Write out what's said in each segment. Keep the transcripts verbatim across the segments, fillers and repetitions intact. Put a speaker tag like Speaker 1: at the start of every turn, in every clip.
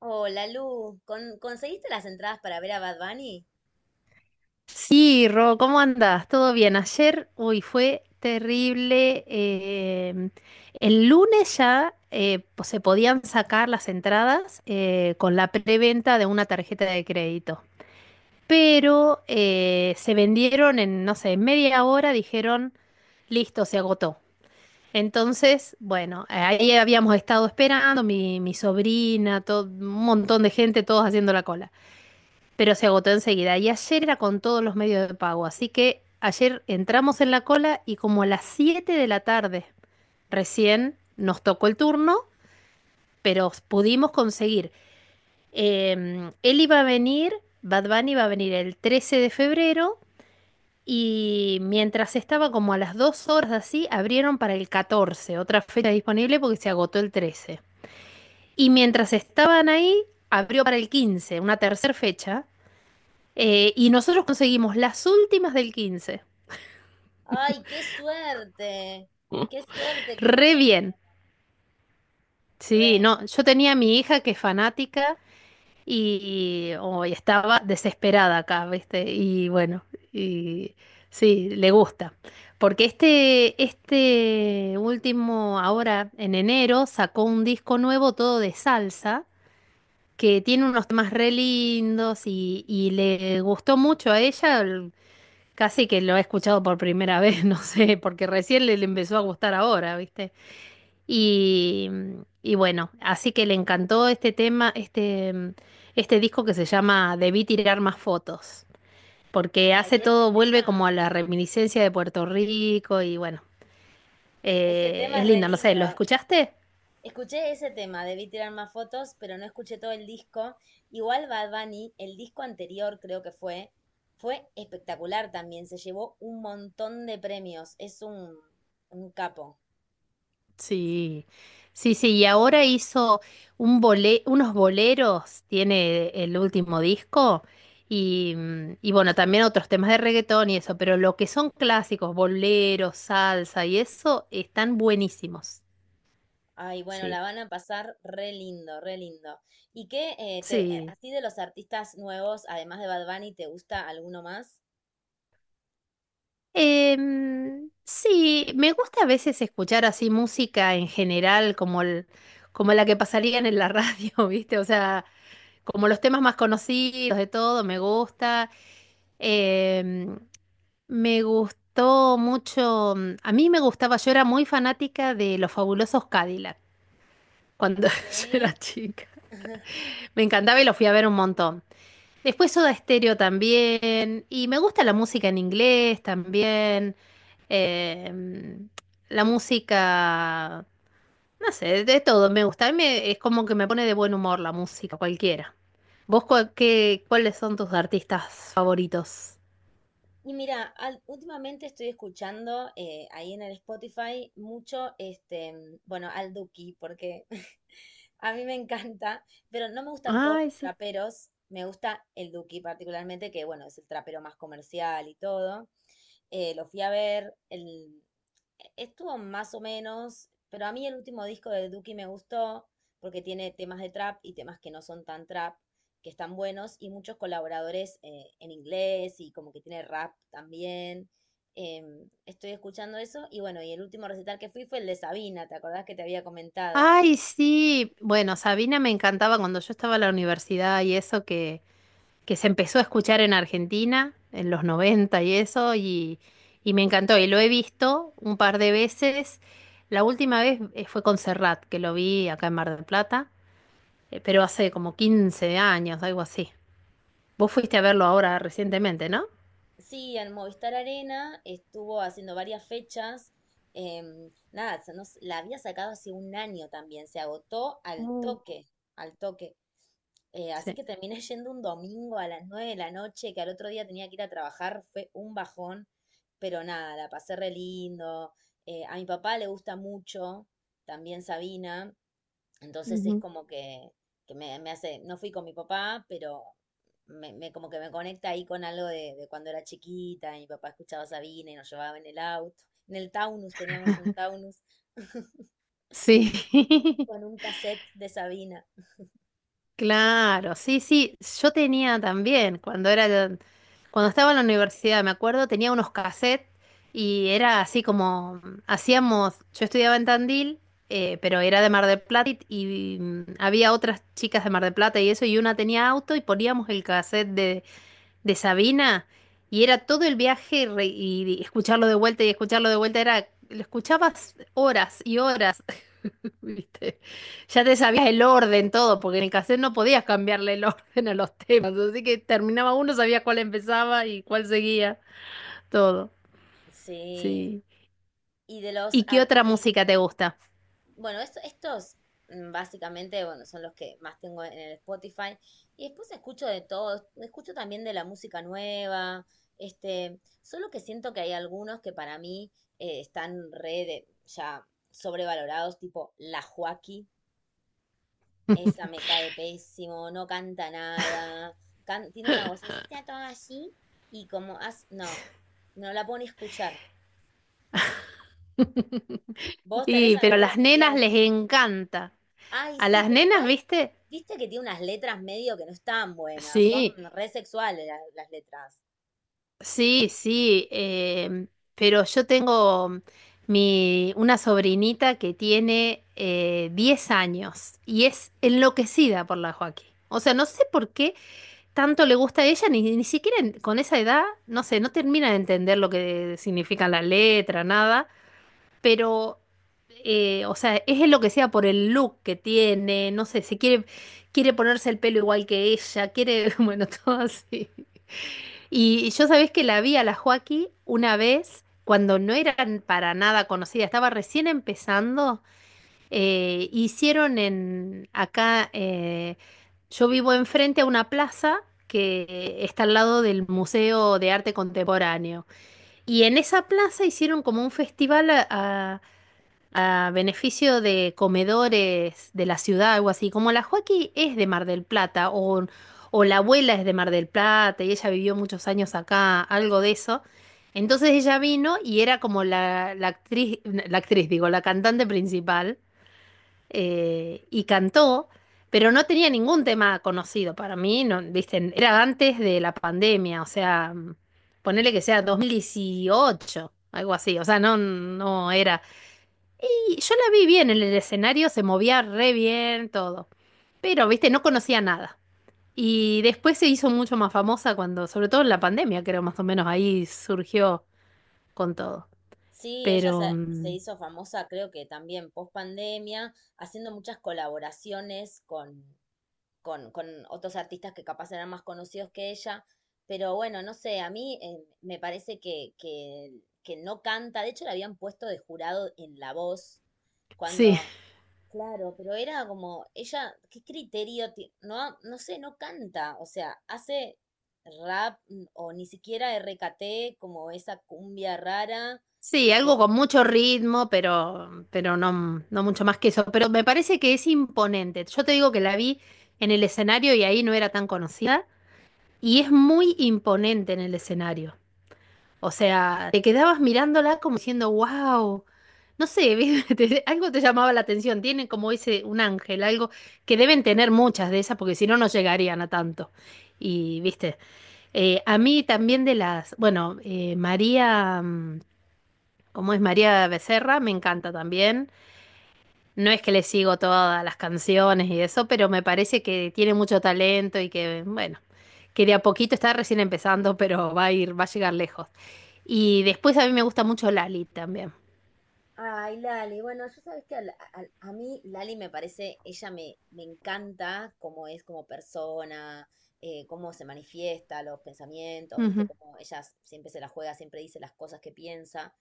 Speaker 1: Hola, Lu. ¿Con- ¿Conseguiste las entradas para ver a Bad Bunny?
Speaker 2: Sí, Ro, ¿cómo andas? ¿Todo bien? Ayer, uy, fue terrible. Em, el lunes ya, eh, po- se podían sacar las entradas eh, con la preventa de una tarjeta de crédito, pero eh, se vendieron en, no sé, en media hora, dijeron, listo, se agotó. Entonces, bueno, eh, ahí habíamos estado esperando, mi, mi sobrina, todo, un montón de gente, todos haciendo la cola, pero se agotó enseguida. Y ayer era con todos los medios de pago, así que ayer entramos en la cola y como a las siete de la tarde recién nos tocó el turno, pero pudimos conseguir. Eh, él iba a venir. Bad Bunny iba a venir el trece de febrero, y mientras estaba como a las dos horas así, abrieron para el catorce, otra fecha disponible porque se agotó el trece. Y mientras estaban ahí, abrió para el quince, una tercera fecha. Eh, y nosotros conseguimos las últimas del quince.
Speaker 1: ¡Ay, qué suerte! ¡Qué suerte que
Speaker 2: Re
Speaker 1: conseguiste!
Speaker 2: bien. Sí,
Speaker 1: Re.
Speaker 2: no, yo tenía a mi hija que es fanática, y hoy estaba desesperada acá, ¿viste? Y bueno, y sí, le gusta. Porque este, este último, ahora en enero, sacó un disco nuevo todo de salsa, que tiene unos temas re lindos y, y le gustó mucho a ella. Casi que lo he escuchado por primera vez, no sé, porque recién le, le empezó a gustar ahora, ¿viste? Y, y bueno, así que le encantó este tema, este, mm, este disco que se llama Debí tirar más fotos, porque
Speaker 1: Ay,
Speaker 2: hace
Speaker 1: ese
Speaker 2: todo, vuelve
Speaker 1: tema,
Speaker 2: como a la reminiscencia de Puerto Rico, y bueno,
Speaker 1: ese
Speaker 2: eh,
Speaker 1: tema
Speaker 2: es
Speaker 1: es re
Speaker 2: lindo, no sé, ¿lo
Speaker 1: lindo.
Speaker 2: escuchaste?
Speaker 1: Escuché ese tema, debí tirar más fotos, pero no escuché todo el disco. Igual Bad Bunny, el disco anterior creo que fue, fue espectacular también. Se llevó un montón de premios. Es un, un capo.
Speaker 2: Sí, sí, sí, y ahora hizo un bole- unos boleros, tiene el último disco, y, mm, y bueno, también otros temas de reggaetón y eso, pero lo que son clásicos, boleros, salsa y eso, están buenísimos.
Speaker 1: Ay, bueno,
Speaker 2: Sí,
Speaker 1: la van a pasar re lindo, re lindo. ¿Y qué, eh, te- eh,
Speaker 2: sí.
Speaker 1: así de los artistas nuevos, además de Bad Bunny, te gusta alguno más?
Speaker 2: Em, sí, me gusta a veces escuchar así música en general, como, el- como la que pasarían en la radio, ¿viste? O sea, como los temas más conocidos de todo, me gusta. Em, Me gustó mucho, mm, a mí me gustaba, yo era muy fanática de los fabulosos Cadillac cuando yo era
Speaker 1: Sí.
Speaker 2: chica. Me encantaba y lo fui a ver un montón. Después Soda Stereo también, y me gusta la música en inglés también, eh, mm, la música, no sé, de todo me gusta. A mí me- es como que me pone de buen humor la música, cualquiera. ¿Vos cua- qué- cuáles son tus artistas favoritos?
Speaker 1: Y mira, al- últimamente estoy escuchando eh, ahí en el Spotify mucho, este, mm, bueno, al Duki, porque a mí me encanta, pero no me gustan todos
Speaker 2: Ay,
Speaker 1: los
Speaker 2: sí.
Speaker 1: traperos, me gusta el Duki particularmente, que bueno, es el trapero más comercial y todo. Eh, lo fui a ver, el- e-, estuvo más o menos, pero a mí el último disco de Duki me gustó porque tiene temas de trap y temas que no son tan trap, que están buenos y muchos colaboradores eh, en inglés y como que tiene rap también. Em, estoy escuchando eso y bueno, y el último recital que fui fue el de Sabina, ¿te acordás que te había comentado?
Speaker 2: Ay, sí. Bueno, Sabina me encantaba cuando yo estaba en la universidad, y eso que, que se empezó a escuchar en Argentina, en los noventa y eso, y, y me encantó. Y lo he visto un par de veces. La última vez, eh, fue con Serrat, que lo vi acá en Mar del Plata, eh, pero hace como quince años, algo así. Vos fuiste a verlo ahora recientemente, ¿no?
Speaker 1: Sí, en Movistar Arena estuvo haciendo varias fechas. Em, nada, se nos- La había sacado hace un año también, se agotó al
Speaker 2: Oh.
Speaker 1: toque, al toque. Eh, así
Speaker 2: Sí.
Speaker 1: que terminé yendo un domingo a las nueve de la noche, que al otro día tenía que ir a trabajar, fue un bajón, pero nada, la pasé re lindo. Eh, a mi papá le gusta mucho también Sabina, entonces es
Speaker 2: Ujú.
Speaker 1: como que, que me, me hace, no fui con mi papá, pero me, me- como que me conecta ahí con algo de, de cuando era chiquita, y mi papá escuchaba Sabina y nos llevaba en el auto. En el Taunus teníamos un Taunus
Speaker 2: Sí.
Speaker 1: con un cassette de Sabina.
Speaker 2: Claro, sí, sí, yo tenía también, cuando era, cuando estaba en la universidad, me acuerdo, tenía unos cassettes, y era así como, hacíamos, yo estudiaba en Tandil, eh, pero era de Mar del Plata, y, y, mm, había otras chicas de Mar del Plata y eso, y una tenía auto y poníamos el cassette de, de Sabina, y era todo el viaje re- y, y escucharlo de vuelta y escucharlo de vuelta, era, lo escuchabas horas y horas. ¿Viste? Ya te sabías el orden, todo, porque en el cassette no podías cambiarle el orden a los temas, así que terminaba uno, sabías cuál empezaba y cuál seguía, todo.
Speaker 1: Sí.
Speaker 2: Sí.
Speaker 1: Y de los
Speaker 2: ¿Y qué
Speaker 1: ar-
Speaker 2: otra
Speaker 1: y
Speaker 2: música te gusta?
Speaker 1: bueno, esto- estos mm, básicamente, bueno, son los que más tengo en el Spotify. Y después escucho de todo, escucho también de la música nueva, este, solo que siento que hay algunos que para mí eh, están re de- ya sobrevalorados, tipo La Joaquí, esa me cae pésimo, no canta nada, can- tiene una vocecita toda así y como, as, no, no la pone a escuchar. ¿Vos tenés
Speaker 2: Y, pero a
Speaker 1: alguno
Speaker 2: las
Speaker 1: que
Speaker 2: nenas
Speaker 1: digas,
Speaker 2: les encanta.
Speaker 1: ay,
Speaker 2: A
Speaker 1: sí,
Speaker 2: las
Speaker 1: pero
Speaker 2: nenas,
Speaker 1: igual
Speaker 2: ¿viste?
Speaker 1: viste que tiene unas letras medio que no están buenas, son
Speaker 2: Sí,
Speaker 1: re sexuales la- las letras?
Speaker 2: sí, sí. Eh, pero yo tengo mi, una sobrinita que tiene eh, diez años y es enloquecida por la Joaquín. O sea, no sé por qué tanto le gusta a ella, ni, ni siquiera en- con esa edad, no sé, no termina de entender lo que significa la letra, nada, pero eh, o sea, es lo que sea, por el look que tiene, no sé, se quiere, quiere ponerse el pelo igual que ella, quiere, bueno, todo así. Y, y yo sabés que la vi a la Joaquí una vez cuando no eran para nada conocida, estaba recién empezando, eh, hicieron en acá, eh, yo vivo enfrente a una plaza que está al lado del Museo de Arte Contemporáneo. Y en esa plaza hicieron como un festival a, a- a beneficio de comedores de la ciudad, algo así. Como la Joaquí es de Mar del Plata, o, o la abuela es de Mar del Plata, y ella vivió muchos años acá, algo de eso. Entonces ella vino y era como la, la actriz, la actriz, digo, la cantante principal, eh, y cantó, pero no tenía ningún tema conocido para mí. No, viste, era antes de la pandemia, o sea, mm, ponele que sea dos mil dieciocho, algo así, o sea, no, no era. Y yo la vi bien en el escenario, se movía re bien, todo, pero, viste, no conocía nada. Y después se hizo mucho más famosa cuando, sobre todo en la pandemia, creo, más o menos ahí surgió con todo.
Speaker 1: Sí, ella
Speaker 2: Pero
Speaker 1: se, se
Speaker 2: mm,
Speaker 1: hizo famosa, creo que también post pandemia, haciendo muchas colaboraciones con, con, con otros artistas que capaz eran más conocidos que ella. Pero bueno, no sé, a mí eh, me parece que, que, que no canta. De hecho, la habían puesto de jurado en La Voz
Speaker 2: sí.
Speaker 1: cuando. Claro, pero era como, ella, ¿qué criterio? ti- No, no sé, no canta, o sea, hace rap mm, o ni siquiera R K T, como esa cumbia rara,
Speaker 2: Sí, algo
Speaker 1: eh.
Speaker 2: con mucho ritmo, pero, pero no, no mucho más que eso. Pero me parece que es imponente. Yo te digo que la vi en el escenario y ahí no era tan conocida. Y es muy imponente en el escenario. O sea, te quedabas mirándola como diciendo, wow. No sé, ¿viste? Te- algo te llamaba la atención. Tienen como ese, un ángel, algo que deben tener muchas de esas, porque si no, no llegarían a tanto. Y, viste, eh, a mí también, de las, bueno, eh, María. mm, como es María Becerra, me encanta también. No es que le sigo todas las canciones y eso, pero me parece que tiene mucho talento y que, bueno, que de a poquito está recién empezando, pero va a ir, va a llegar lejos. Y después a mí me gusta mucho Lali también.
Speaker 1: Ay, Lali, bueno, yo sabes que a, la- a- a mí Lali me parece, ella me, me encanta cómo es como persona, eh, cómo se manifiesta, los pensamientos, viste,
Speaker 2: Ujú.
Speaker 1: como ella s- siempre se la juega, siempre dice las cosas que piensa.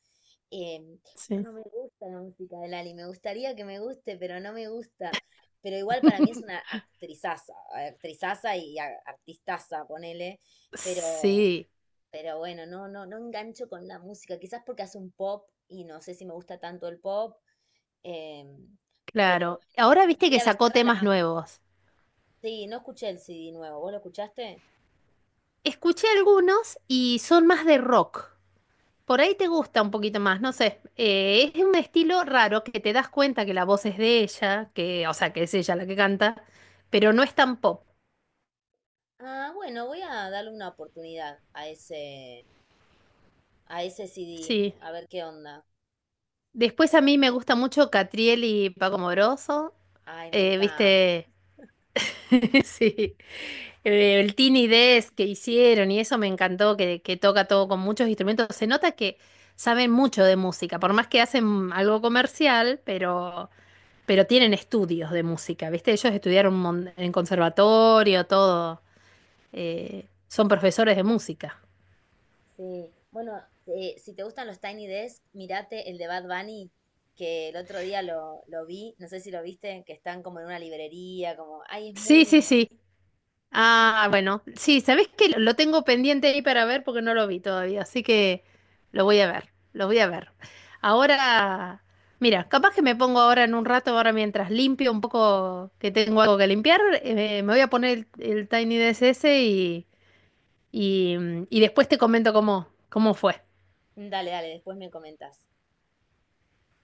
Speaker 1: Em, pero
Speaker 2: Sí.
Speaker 1: no me gusta la música de Lali, me gustaría que me guste, pero no me gusta. Pero igual para mí es una actrizaza, actrizaza y a- artistaza, ponele, pero
Speaker 2: Sí,
Speaker 1: pero bueno, no, no, no engancho con la música, quizás porque hace un pop y no sé si me gusta tanto el pop, em, pero
Speaker 2: claro.
Speaker 1: bueno,
Speaker 2: Ahora
Speaker 1: y
Speaker 2: viste que
Speaker 1: María
Speaker 2: sacó
Speaker 1: Becerra
Speaker 2: temas
Speaker 1: la amo.
Speaker 2: nuevos.
Speaker 1: Sí, no escuché el C D nuevo, ¿vos lo escuchaste?
Speaker 2: Escuché algunos y son más de rock. Por ahí te gusta un poquito más, no sé. Eh, es un estilo raro que te das cuenta que la voz es de ella, que, o sea, que es ella la que canta, pero no es tan pop.
Speaker 1: Ah, bueno, voy a darle una oportunidad a ese, a ese C D,
Speaker 2: Sí.
Speaker 1: a ver qué onda.
Speaker 2: Después a mí me gusta mucho Catriel y Paco Moroso.
Speaker 1: Ay, me
Speaker 2: Eh,
Speaker 1: encanta.
Speaker 2: ¿viste? Sí. Eh, El Tiny Desk que hicieron y eso me encantó, que, que toca todo con muchos instrumentos. Se nota que saben mucho de música, por más que hacen algo comercial, pero Pero tienen estudios de música, ¿viste? Ellos estudiaron un mon- en conservatorio, todo. Eh, son profesores de música.
Speaker 1: Sí, bueno, eh, si te gustan los Tiny Desk, mirate el de Bad Bunny, que el otro día lo, lo vi, no sé si lo viste, que están como en una librería, como, ay, es muy
Speaker 2: Sí, sí,
Speaker 1: lindo.
Speaker 2: sí. Ah, bueno. Sí, ¿sabés qué? Lo lo tengo pendiente ahí para ver porque no lo vi todavía, así que lo voy a ver, lo voy a ver. Ahora, mira, capaz que me pongo ahora en un rato, ahora mientras limpio un poco, que tengo algo que limpiar, eh, me voy a poner el, el Tiny D S S y, y, mm, y después te comento cómo, cómo fue.
Speaker 1: Dale, dale, después me comentas.